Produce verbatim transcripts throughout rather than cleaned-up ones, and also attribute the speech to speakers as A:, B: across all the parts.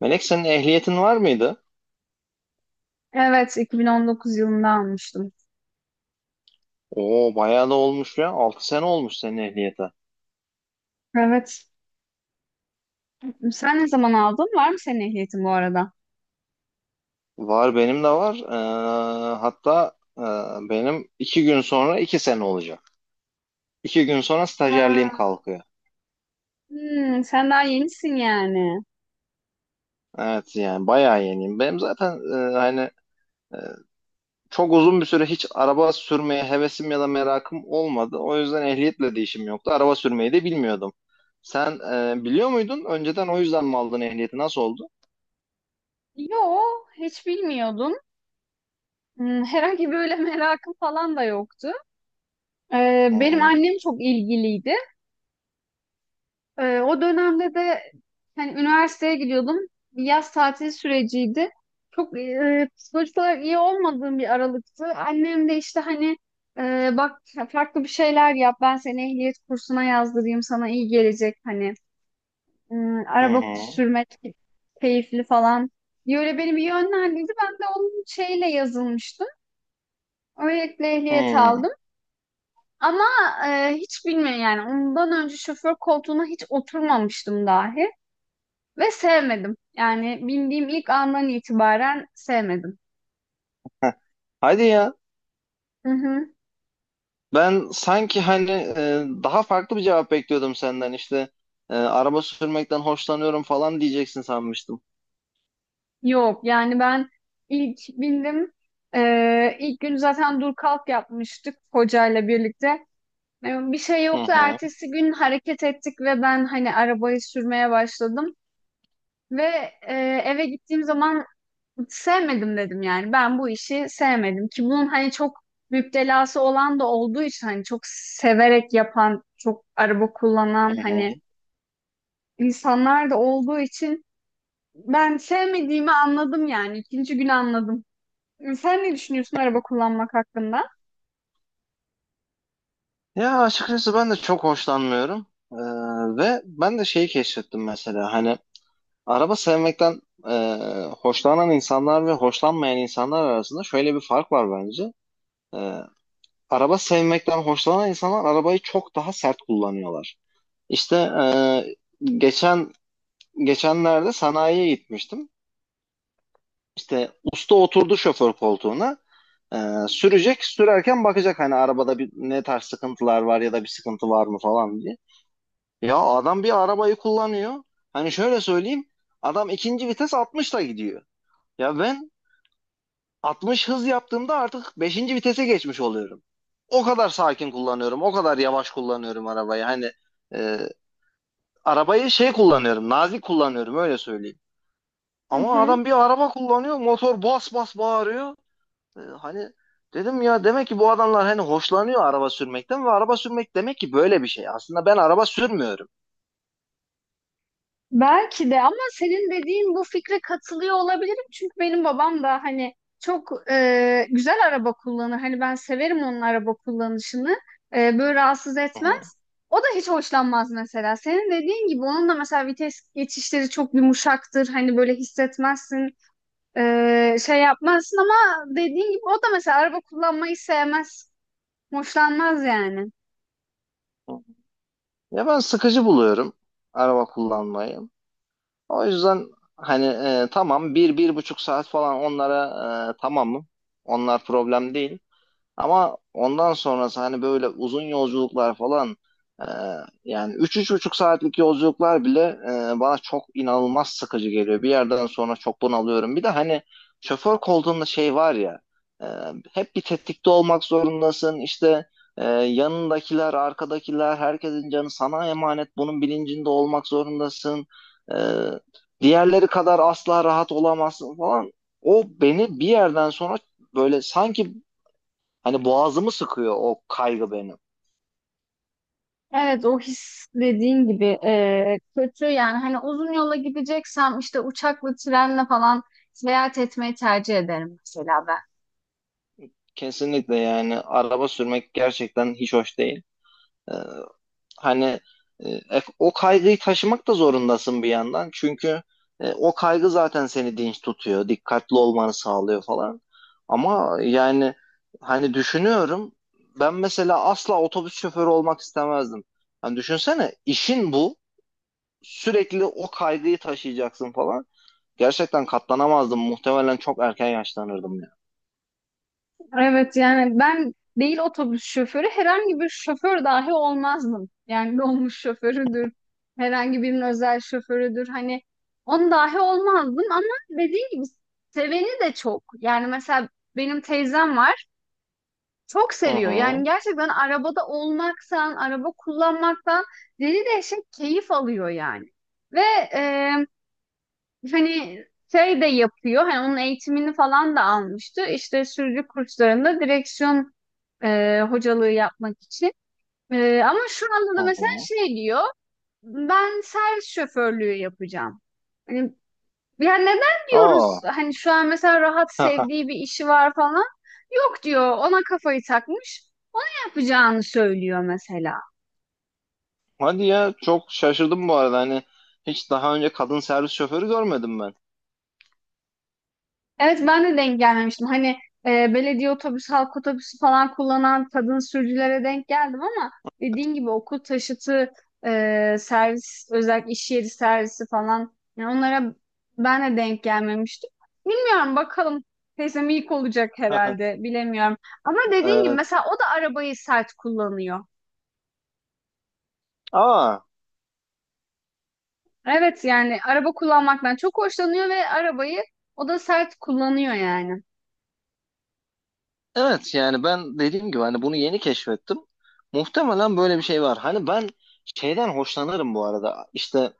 A: Melek senin ehliyetin var mıydı?
B: Evet, iki bin on dokuz yılında almıştım.
A: Oo bayağı da olmuş ya. Altı sene olmuş senin ehliyete.
B: Evet. Sen ne zaman aldın? Var mı senin ehliyetin bu arada?
A: Var, benim de var. Ee, hatta e, benim iki gün sonra iki sene olacak. iki gün sonra stajyerliğim
B: Ha.
A: kalkıyor.
B: Hmm, sen daha yenisin yani.
A: Evet, yani bayağı yeniyim. Benim zaten e, hani e, çok uzun bir süre hiç araba sürmeye hevesim ya da merakım olmadı. O yüzden ehliyetle de işim yoktu. Araba sürmeyi de bilmiyordum. Sen e, biliyor muydun? Önceden o yüzden mi aldın ehliyeti? Nasıl oldu?
B: Yo, hiç bilmiyordum. Hmm, herhangi böyle merakım falan da yoktu. Ee,
A: Hı
B: benim
A: hı.
B: annem çok ilgiliydi. Ee, o dönemde de hani üniversiteye gidiyordum. Bir yaz tatili süreciydi. Çok e, psikolojik olarak iyi olmadığım bir aralıktı. Annem de işte hani e, bak, farklı bir şeyler yap. Ben seni ehliyet kursuna yazdırayım. Sana iyi gelecek hani. Hmm,
A: Hı
B: araba
A: hı.
B: sürmek keyifli falan diye öyle beni bir yönlendirdi. Ben de onun şeyle yazılmıştım. Öylelikle
A: Hı.
B: ehliyet aldım. Ama e, hiç bilmiyorum yani, ondan önce şoför koltuğuna hiç oturmamıştım dahi. Ve sevmedim. Yani bindiğim ilk andan itibaren sevmedim.
A: Heh. Hadi ya.
B: Hı hı.
A: Ben sanki hani e, daha farklı bir cevap bekliyordum senden. İşte e, araba sürmekten hoşlanıyorum falan diyeceksin sanmıştım.
B: Yok yani ben ilk bindim. Ee, ilk gün zaten dur kalk yapmıştık hocayla birlikte. Ee, Bir şey
A: Hı
B: yoktu.
A: hı,
B: Ertesi gün hareket ettik ve ben hani arabayı sürmeye başladım. Ve e, eve gittiğim zaman sevmedim dedim yani. Ben bu işi sevmedim ki, bunun hani çok müptelası olan da olduğu için, hani çok severek yapan, çok araba
A: hı
B: kullanan
A: hı.
B: hani insanlar da olduğu için ben sevmediğimi anladım yani. İkinci gün anladım. Sen ne düşünüyorsun araba kullanmak hakkında?
A: Ya açıkçası ben de çok hoşlanmıyorum. E, ve ben de şeyi keşfettim mesela. Hani araba sevmekten e, hoşlanan insanlar ve hoşlanmayan insanlar arasında şöyle bir fark var bence. E, Araba sevmekten hoşlanan insanlar arabayı çok daha sert kullanıyorlar. İşte e, geçen geçenlerde sanayiye gitmiştim. İşte usta oturdu şoför koltuğuna. Ee, sürecek, sürerken bakacak hani arabada bir ne tarz sıkıntılar var ya da bir sıkıntı var mı falan diye. Ya adam bir arabayı kullanıyor. Hani şöyle söyleyeyim. Adam ikinci vites altmışla gidiyor. Ya ben altmış hız yaptığımda artık beşinci vitese geçmiş oluyorum. O kadar sakin kullanıyorum. O kadar yavaş kullanıyorum arabayı. Hani e, arabayı şey kullanıyorum. Nazik kullanıyorum, öyle söyleyeyim.
B: Hı
A: Ama
B: hı.
A: adam bir araba kullanıyor. Motor bas bas bağırıyor. Ee, hani dedim ya, demek ki bu adamlar hani hoşlanıyor araba sürmekten ve araba sürmek demek ki böyle bir şey. Aslında ben araba sürmüyorum.
B: Belki de, ama senin dediğin bu fikre katılıyor olabilirim. Çünkü benim babam da hani çok e, güzel araba kullanır. Hani ben severim onun araba kullanışını. E, böyle rahatsız
A: Hı
B: etmez. O da hiç hoşlanmaz mesela. Senin dediğin gibi onun da mesela vites geçişleri çok yumuşaktır. Hani böyle hissetmezsin. Ee, şey yapmazsın, ama dediğin gibi o da mesela araba kullanmayı sevmez. Hoşlanmaz yani.
A: hı. Ya ben sıkıcı buluyorum araba kullanmayı. O yüzden hani e, tamam, bir, bir buçuk saat falan, onlara e, tamamım. Onlar problem değil. Ama ondan sonrası, hani böyle uzun yolculuklar falan, e, yani üç buçuk saatlik yolculuklar bile e, bana çok inanılmaz sıkıcı geliyor. Bir yerden sonra çok bunalıyorum. Bir de hani şoför koltuğunda şey var ya, e, hep bir tetikte olmak zorundasın. İşte e, yanındakiler, arkadakiler, herkesin canı sana emanet. Bunun bilincinde olmak zorundasın. E, Diğerleri kadar asla rahat olamazsın falan. O beni bir yerden sonra böyle sanki, hani boğazımı sıkıyor o kaygı benim.
B: Evet, o his dediğin gibi e, kötü yani, hani uzun yola gideceksem işte uçakla, trenle falan seyahat etmeyi tercih ederim mesela ben.
A: Kesinlikle, yani araba sürmek gerçekten hiç hoş değil. Ee, hani e, e, o kaygıyı taşımak da zorundasın bir yandan. Çünkü e, o kaygı zaten seni dinç tutuyor, dikkatli olmanı sağlıyor falan. Ama yani hani düşünüyorum, ben mesela asla otobüs şoförü olmak istemezdim. Hani düşünsene, işin bu. Sürekli o kaygıyı taşıyacaksın falan. Gerçekten katlanamazdım. Muhtemelen çok erken yaşlanırdım ya.
B: Evet yani ben değil otobüs şoförü, herhangi bir şoför dahi olmazdım. Yani dolmuş şoförüdür, herhangi birinin özel şoförüdür, hani on dahi olmazdım, ama dediğim gibi seveni de çok. Yani mesela benim teyzem var, çok
A: Hı
B: seviyor. Yani
A: hı.
B: gerçekten arabada olmaktan, araba kullanmaktan deli dehşet keyif alıyor yani. Ve hani şey de yapıyor. Hani onun eğitimini falan da almıştı. İşte sürücü kurslarında direksiyon e, hocalığı yapmak için. E, ama şu anda
A: Hı
B: da mesela
A: hı.
B: şey diyor. Ben servis şoförlüğü yapacağım. Hani, yani neden
A: Aa.
B: diyoruz, hani şu an mesela rahat sevdiği bir işi var falan. Yok diyor, ona kafayı takmış, yapacağını söylüyor mesela.
A: Hadi ya, çok şaşırdım bu arada. Hani hiç daha önce kadın servis şoförü görmedim ben.
B: Evet, ben de denk gelmemiştim. Hani e, belediye otobüsü, halk otobüsü falan kullanan kadın sürücülere denk geldim, ama dediğin gibi okul taşıtı, e, servis, özellikle iş yeri servisi falan, yani onlara ben de denk gelmemiştim. Bilmiyorum bakalım. Teyzem ilk olacak herhalde, bilemiyorum. Ama dediğin gibi
A: Evet.
B: mesela o da arabayı sert kullanıyor.
A: Aa,
B: Evet yani araba kullanmaktan çok hoşlanıyor ve arabayı o da sert kullanıyor yani.
A: evet yani ben dediğim gibi hani bunu yeni keşfettim. Muhtemelen böyle bir şey var. Hani ben şeyden hoşlanırım bu arada. İşte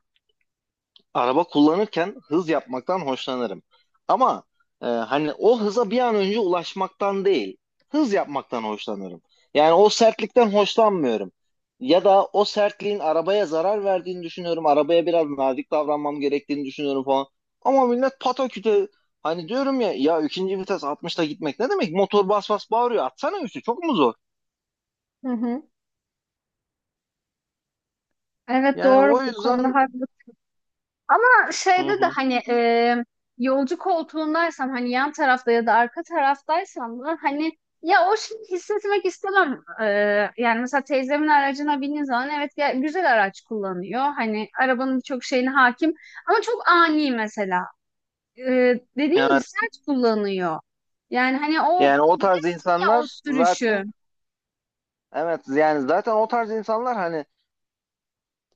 A: araba kullanırken hız yapmaktan hoşlanırım. Ama e, hani o hıza bir an önce ulaşmaktan değil, hız yapmaktan hoşlanırım. Yani o sertlikten hoşlanmıyorum. Ya da o sertliğin arabaya zarar verdiğini düşünüyorum. Arabaya biraz nazik davranmam gerektiğini düşünüyorum falan. Ama millet pataküte, hani diyorum ya, ya ikinci vites altmışta gitmek ne demek? Motor bas bas bağırıyor. Atsana üstü, çok mu zor?
B: Hı hı. Evet,
A: Yani
B: doğru,
A: o
B: bu konuda
A: yüzden.
B: haklı. Ama
A: Hı
B: şeyde de
A: hı.
B: hani e, yolcu koltuğundaysam, hani yan tarafta ya da arka taraftaysam da hani ya o şeyi hissetmek istemem. E, yani mesela teyzemin aracına bindiğin zaman, evet ya, güzel araç kullanıyor. Hani arabanın birçok şeyine hakim, ama çok ani mesela. E, dediğim gibi
A: Yani,
B: sert kullanıyor. Yani hani o
A: yani o tarz
B: bilirsin ya o
A: insanlar
B: sürüşü.
A: zaten, evet yani zaten o tarz insanlar hani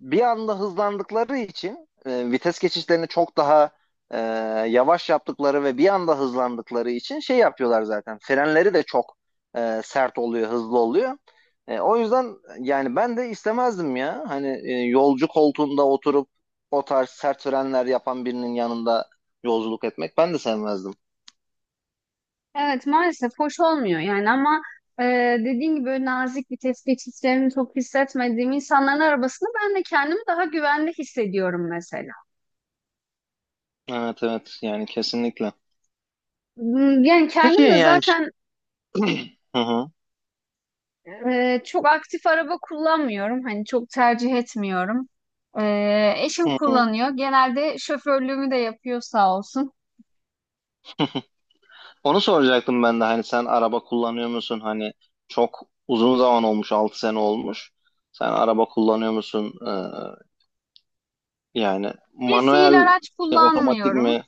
A: bir anda hızlandıkları için e, vites geçişlerini çok daha e, yavaş yaptıkları ve bir anda hızlandıkları için şey yapıyorlar zaten. Frenleri de çok e, sert oluyor, hızlı oluyor. E, o yüzden yani ben de istemezdim ya. Hani e, yolcu koltuğunda oturup o tarz sert frenler yapan birinin yanında yolculuk etmek ben de sevmezdim.
B: Evet, maalesef hoş olmuyor yani, ama e, dediğin gibi böyle nazik bir tetikçilerini çok hissetmediğim insanların arabasını ben de kendimi daha güvende hissediyorum mesela.
A: Evet, evet, yani kesinlikle.
B: Hmm, yani
A: Peki
B: kendim de
A: yani,
B: zaten
A: hı hı.
B: e, çok aktif araba kullanmıyorum, hani çok tercih etmiyorum. E, eşim
A: Hı,
B: kullanıyor genelde, şoförlüğümü de yapıyor sağ olsun.
A: onu soracaktım ben de. Hani sen araba kullanıyor musun? Hani çok uzun zaman olmuş, altı sene olmuş. Sen araba kullanıyor musun? Ee, yani
B: Bir
A: manuel
B: fiil araç
A: e, otomatik mi?
B: kullanmıyorum.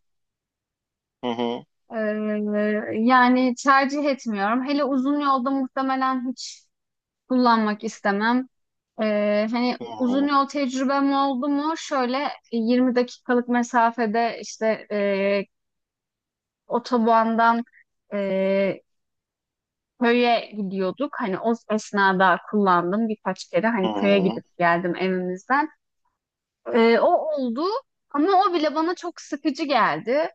A: Hı hı.
B: E, yani tercih etmiyorum. Hele uzun yolda muhtemelen hiç kullanmak istemem. Ee, hani
A: Hı
B: uzun
A: hı.
B: yol tecrübem oldu mu? Şöyle e, yirmi dakikalık mesafede işte e, otobandan e, köye gidiyorduk. Hani o esnada kullandım birkaç kere.
A: Hı
B: Hani köye
A: hı.
B: gidip geldim evimizden. Ee, o oldu, ama o bile bana çok sıkıcı geldi.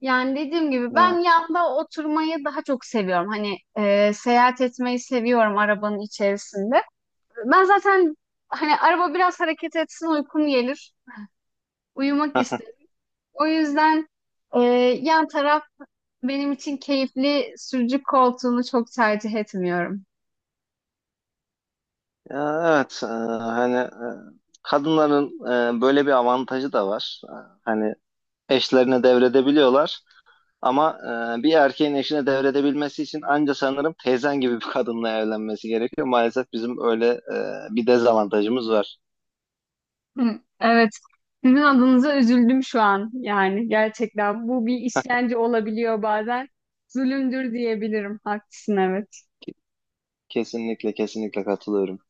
B: Yani dediğim gibi ben
A: Evet.
B: yanda oturmayı daha çok seviyorum. Hani e, seyahat etmeyi seviyorum arabanın içerisinde. Ben zaten hani araba biraz hareket etsin uykum gelir. Uyumak istedim. O yüzden e, yan taraf benim için keyifli, sürücü koltuğunu çok tercih etmiyorum.
A: Ya, evet. E, hani e, kadınların e, böyle bir avantajı da var. E, Hani eşlerine devredebiliyorlar. Ama e, bir erkeğin eşine devredebilmesi için anca sanırım teyzen gibi bir kadınla evlenmesi gerekiyor. Maalesef bizim öyle e, bir dezavantajımız var.
B: Hı, evet. Sizin adınıza üzüldüm şu an. Yani gerçekten bu bir işkence olabiliyor bazen. Zulümdür diyebilirim. Haklısın, evet.
A: Kesinlikle, kesinlikle katılıyorum.